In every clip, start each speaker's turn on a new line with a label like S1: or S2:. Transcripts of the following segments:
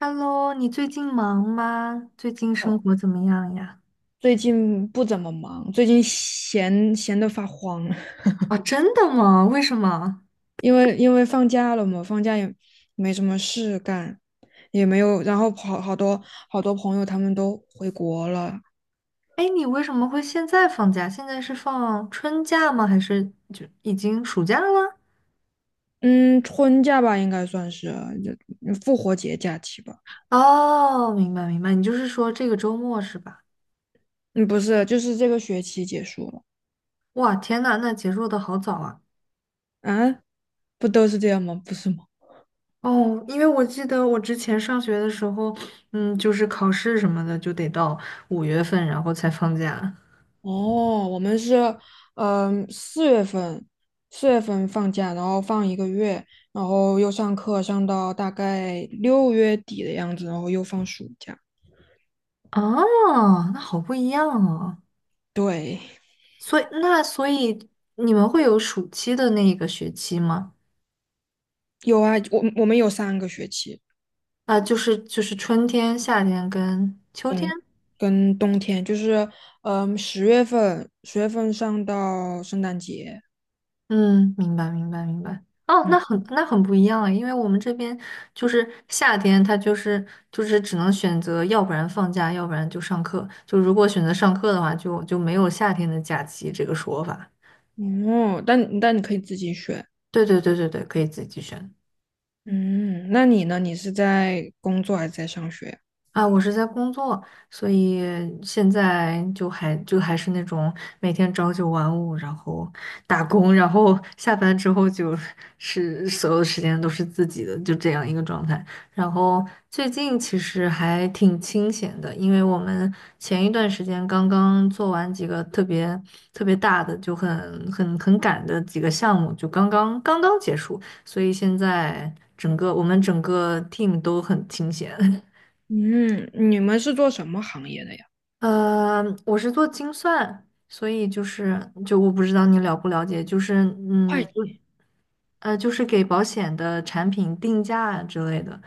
S1: Hello，你最近忙吗？最近生活怎么样呀？
S2: 最近不怎么忙，最近闲闲得发慌，
S1: 啊，真的吗？为什么？
S2: 因为放假了嘛，放假也没什么事干，也没有，然后好好多好多朋友他们都回国了。
S1: 哎，你为什么会现在放假？现在是放春假吗？还是就已经暑假了？
S2: 嗯，春假吧应该算是，就复活节假期吧。
S1: 哦，明白明白，你就是说这个周末是吧？
S2: 嗯，不是，就是这个学期结束了。
S1: 哇，天呐，那结束的好早啊！
S2: 啊，不都是这样吗？不是吗？
S1: 哦，因为我记得我之前上学的时候，就是考试什么的就得到五月份，然后才放假。
S2: 哦，我们是，四月份，四月份放假，然后放一个月，然后又上课，上到大概六月底的样子，然后又放暑假。
S1: 啊，那好不一样哦。
S2: 对，
S1: 所以你们会有暑期的那一个学期吗？
S2: 有啊，我们有三个学期。
S1: 啊，就是春天、夏天跟秋天。
S2: 跟冬天就是，十月份，十月份上到圣诞节。
S1: 嗯，明白明白明白。哦，
S2: 嗯。
S1: 那很不一样啊，因为我们这边就是夏天，它就是只能选择，要不然放假，要不然就上课。就如果选择上课的话，就没有夏天的假期这个说法。
S2: 哦，但你可以自己选。
S1: 对对对对对，可以自己选。
S2: 嗯，那你呢？你是在工作还是在上学呀？
S1: 啊，我是在工作，所以现在就还是那种每天朝九晚五，然后打工，然后下班之后就是所有的时间都是自己的，就这样一个状态。然后最近其实还挺清闲的，因为我们前一段时间刚刚做完几个特别特别大的，就很赶的几个项目，就刚刚结束，所以现在我们整个 team 都很清闲。
S2: 嗯，你们是做什么行业的呀？
S1: 我是做精算，所以就是我不知道你了不了解，就是
S2: 会计。
S1: 不就是给保险的产品定价之类的。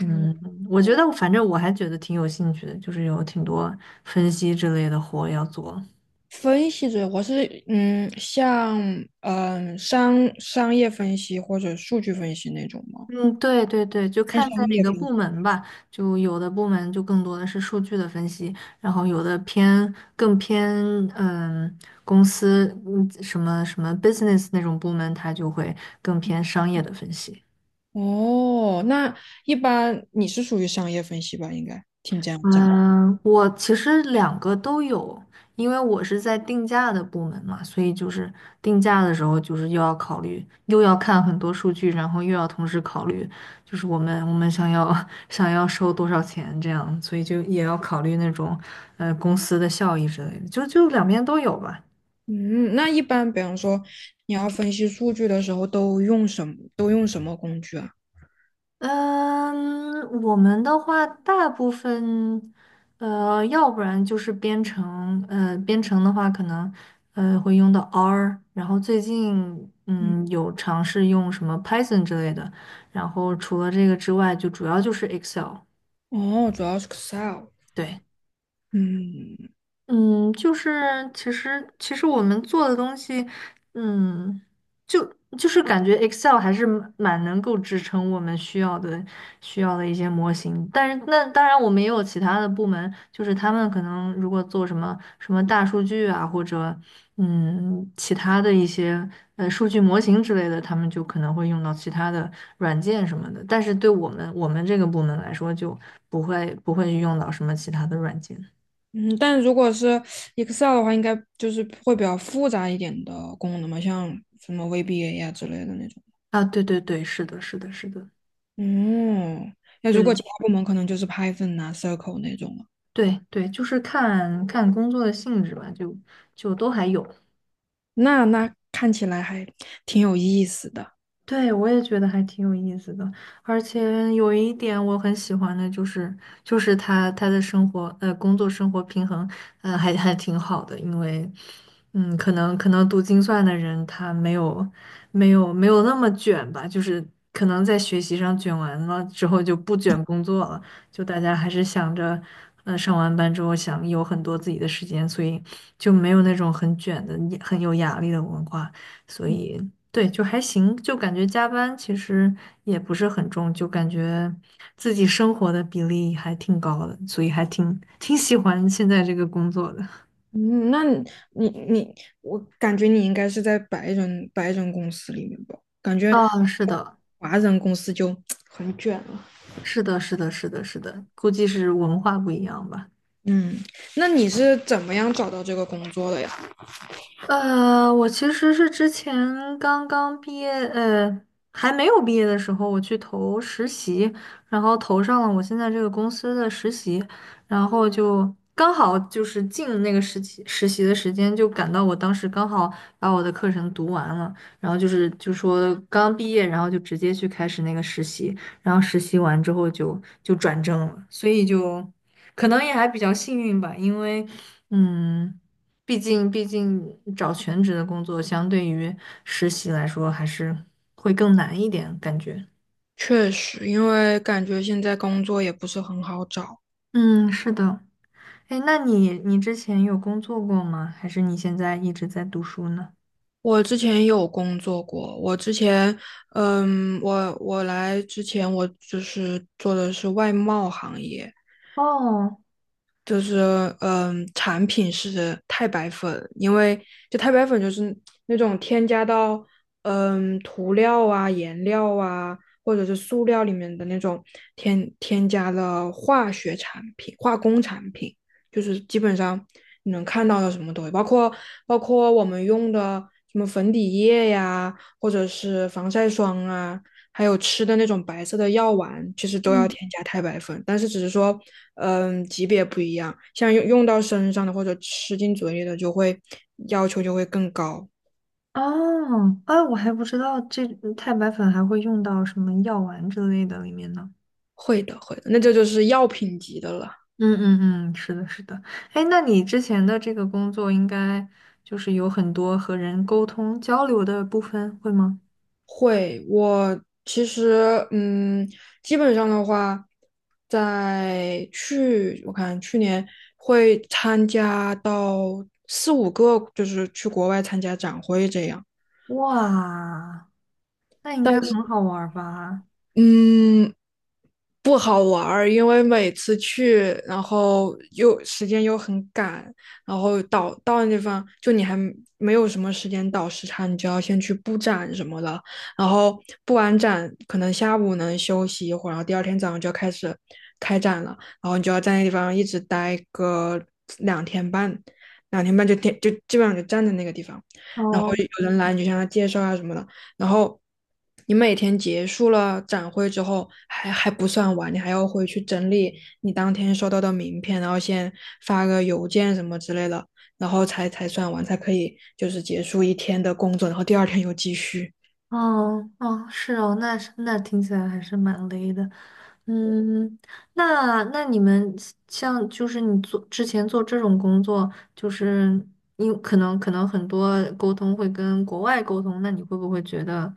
S1: 嗯，我觉
S2: 哦，
S1: 得反正我还觉得挺有兴趣的，就是有挺多分析之类的活要做。
S2: 分析者，我是，像嗯商商业分析或者数据分析那种吗？
S1: 嗯，对对对，就
S2: 偏
S1: 看
S2: 商
S1: 在哪
S2: 业
S1: 个
S2: 分
S1: 部
S2: 析。
S1: 门吧，就有的部门就更多的是数据的分析，然后有的更偏嗯公司什么什么 business 那种部门，它就会更偏商业的分析。
S2: 哦，那一般你是属于商业分析吧？应该听这样讲。
S1: 嗯，我其实两个都有，因为我是在定价的部门嘛，所以就是定价的时候，就是又要考虑，又要看很多数据，然后又要同时考虑，就是我们想要 想要收多少钱这样，所以就也要考虑那种公司的效益之类的，就两边都有吧。
S2: 嗯，那一般比方说你要分析数据的时候，都用什么工具啊？
S1: 嗯，我们的话，大部分，要不然就是编程，编程的话，可能，会用到 R，然后最近，
S2: 嗯。
S1: 有尝试用什么 Python 之类的，然后除了这个之外，就主要就是 Excel，
S2: 哦，主要是 Excel。
S1: 对。
S2: 嗯。
S1: 嗯，就是其实我们做的东西，嗯，就就是感觉 Excel 还是蛮能够支撑我们需要的一些模型。但是那当然，我们也有其他的部门，就是他们可能如果做什么什么大数据啊，或者其他的一些数据模型之类的，他们就可能会用到其他的软件什么的。但是对我们这个部门来说，就不会用到什么其他的软件。
S2: 嗯，但如果是 Excel 的话，应该就是会比较复杂一点的功能嘛，像什么 VBA 呀、之类的那种。
S1: 啊，对对对，是的，是的，是的，
S2: 嗯，那如果其
S1: 对
S2: 他部门可能就是 Python 啊、Circle 那种了。
S1: 对对，就是看看工作的性质吧，就都还有。
S2: 那那看起来还挺有意思的。
S1: 对，我也觉得还挺有意思的，而且有一点我很喜欢的就是他的生活，工作生活平衡，还挺好的，因为，可能读精算的人他没有那么卷吧，就是可能在学习上卷完了之后就不卷工作了，就大家还是想着，上完班之后想有很多自己的时间，所以就没有那种很卷的、很有压力的文化。所以对，就还行，就感觉加班其实也不是很重，就感觉自己生活的比例还挺高的，所以还挺挺喜欢现在这个工作的。
S2: 嗯，那你，我感觉你应该是在白人公司里面吧？感觉
S1: 啊，是的，
S2: 华人公司就很卷了。
S1: 是的，是的，是的，是的，估计是文化不一样吧。
S2: 嗯，那你是怎么样找到这个工作的呀？
S1: 我其实是之前刚刚毕业，还没有毕业的时候，我去投实习，然后投上了我现在这个公司的实习，然后就刚好就是进那个实习的时间，就赶到我当时刚好把我的课程读完了，然后就是就说刚毕业，然后就直接去开始那个实习，然后实习完之后就就转正了，所以就可能也还比较幸运吧，因为嗯。毕竟找全职的工作，相对于实习来说，还是会更难一点，感觉。
S2: 确实，因为感觉现在工作也不是很好找。
S1: 嗯，是的。哎，那你之前有工作过吗？还是你现在一直在读书呢？
S2: 我之前有工作过，我之前，嗯，我来之前，我就是做的是外贸行业。
S1: 哦，
S2: 就是嗯，产品是太白粉。因为就太白粉就是那种添加到涂料啊、颜料啊，或者是塑料里面的那种添加了化学产品、化工产品。就是基本上你能看到的什么东西，包括我们用的什么粉底液呀，或者是防晒霜啊，还有吃的那种白色的药丸，其实都要
S1: 嗯，
S2: 添加钛白粉，但是只是说，嗯，级别不一样，像用到身上的或者吃进嘴里的，就会要求就会更高。
S1: 哦，哎，我还不知道这太白粉还会用到什么药丸之类的里面呢。
S2: 会的，会的，那这就是药品级的了。
S1: 嗯嗯嗯，是的，是的。哎，那你之前的这个工作应该就是有很多和人沟通交流的部分，会吗？
S2: 会，我其实，基本上的话，在去我看去年会参加到四五个，就是去国外参加展会这样。
S1: 哇，那应
S2: 但
S1: 该
S2: 是。
S1: 很好玩儿吧？
S2: 嗯，不好玩儿，因为每次去，然后又时间又很赶，然后到那地方，就你还没有什么时间倒时差，你就要先去布展什么的，然后布完展可能下午能休息一会儿，然后第二天早上就要开始开展了，然后你就要在那地方一直待个两天半，两天半就天就基本上就站在那个地方，然后
S1: 哦
S2: 有人来你就向他介绍啊什么的。然后你每天结束了展会之后，还不算完，你还要回去整理你当天收到的名片，然后先发个邮件什么之类的，然后才算完，才可以就是结束一天的工作，然后第二天又继续。
S1: 哦哦，是哦，那是那听起来还是蛮累的。嗯，那你们像就是你做之前做这种工作，就是因可能可能很多沟通会跟国外沟通，那你会不会觉得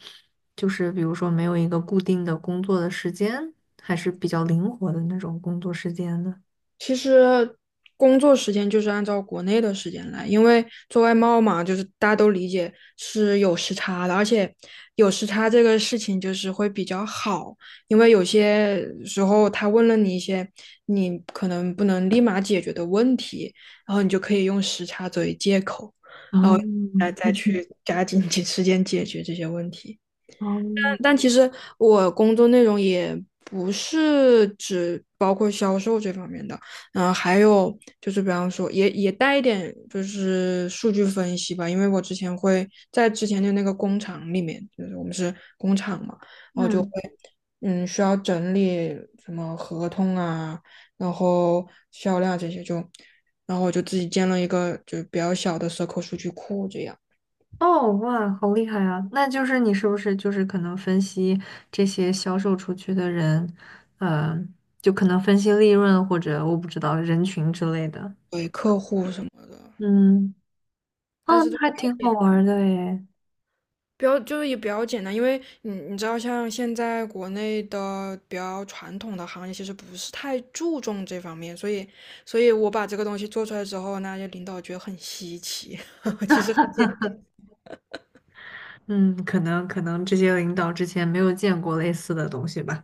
S1: 就是比如说没有一个固定的工作的时间，还是比较灵活的那种工作时间呢？
S2: 其实工作时间就是按照国内的时间来，因为做外贸嘛，就是大家都理解是有时差的，而且有时差这个事情就是会比较好，因为有些时候他问了你一些你可能不能立马解决的问题，然后你就可以用时差作为借口
S1: 哦
S2: 来再去加紧 些时间解决这些问题。
S1: 哦，
S2: 但其实我工作内容也不是只包括销售这方面的。还有就是比方说也带一点就是数据分析吧，因为我之前会在之前的那个工厂里面，就是我们是工厂嘛。
S1: 嗯，
S2: 嗯，需要整理什么合同啊，然后销量这些就，然后我就自己建了一个就是比较小的 c i l 数据库，这样
S1: 哦，哇，好厉害啊！那就是你是不是就是可能分析这些销售出去的人，呃，就可能分析利润或者我不知道人群之类的。
S2: 对客户什么的。
S1: 嗯，
S2: 但
S1: 哦，
S2: 是都
S1: 那
S2: 了
S1: 还挺好
S2: 解
S1: 玩儿的诶。
S2: 比较就是也比较简单，因为你你知道，像现在国内的比较传统的行业，其实不是太注重这方面，所以我把这个东西做出来之后，那些领导觉得很稀奇，其实很简，
S1: 嗯，可能这些领导之前没有见过类似的东西吧。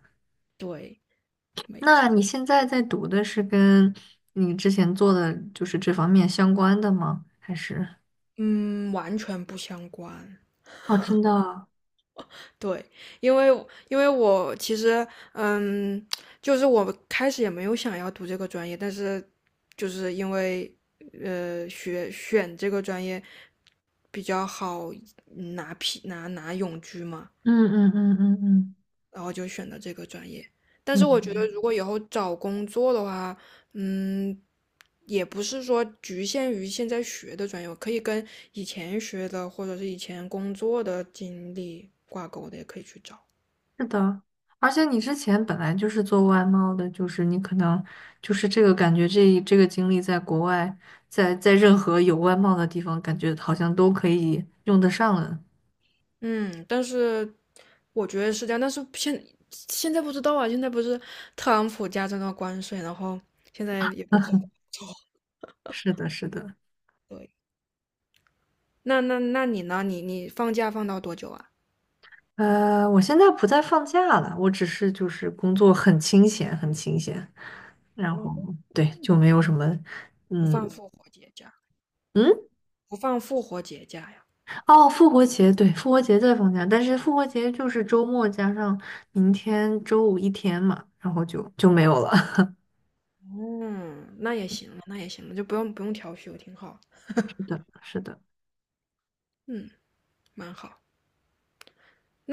S2: 对。
S1: 那你现在在读的是跟你之前做的就是这方面相关的吗？还是？
S2: 嗯，完全不相关。
S1: 哦，真的
S2: 对，因为因为我其实，嗯，就是我开始也没有想要读这个专业，但是就是因为学选这个专业比较好拿批拿拿永居嘛，
S1: 嗯嗯嗯嗯嗯嗯，
S2: 然后就选了这个专业。但
S1: 明
S2: 是我觉得
S1: 白
S2: 如果以后找工作的话，嗯，也不是说局限于现在学的专业，我可以跟以前学的或者是以前工作的经历挂钩的，也可以去找。
S1: 是的，而且你之前本来就是做外贸的，就是你可能就是这个感觉这个经历在国外，在任何有外贸的地方，感觉好像都可以用得上了。
S2: 嗯，但是我觉得是这样，但是现在不知道啊，现在不是特朗普加征了关税，然后现在也不知道。
S1: 是的，是的。
S2: 对，那你呢？你放假放到多久啊？
S1: 我现在不再放假了，我只是就是工作很清闲，很清闲，然后对，就没有什么，
S2: 不放
S1: 嗯
S2: 复活节假，
S1: 嗯，
S2: 不放复活节假呀？
S1: 哦，复活节，对，复活节在放假，但是复活节就是周末加上明天周五一天嘛，然后就就没有了。
S2: 嗯，那也行了，那也行了，就不用调休，挺好。
S1: 是的，是的。
S2: 嗯，蛮好。那。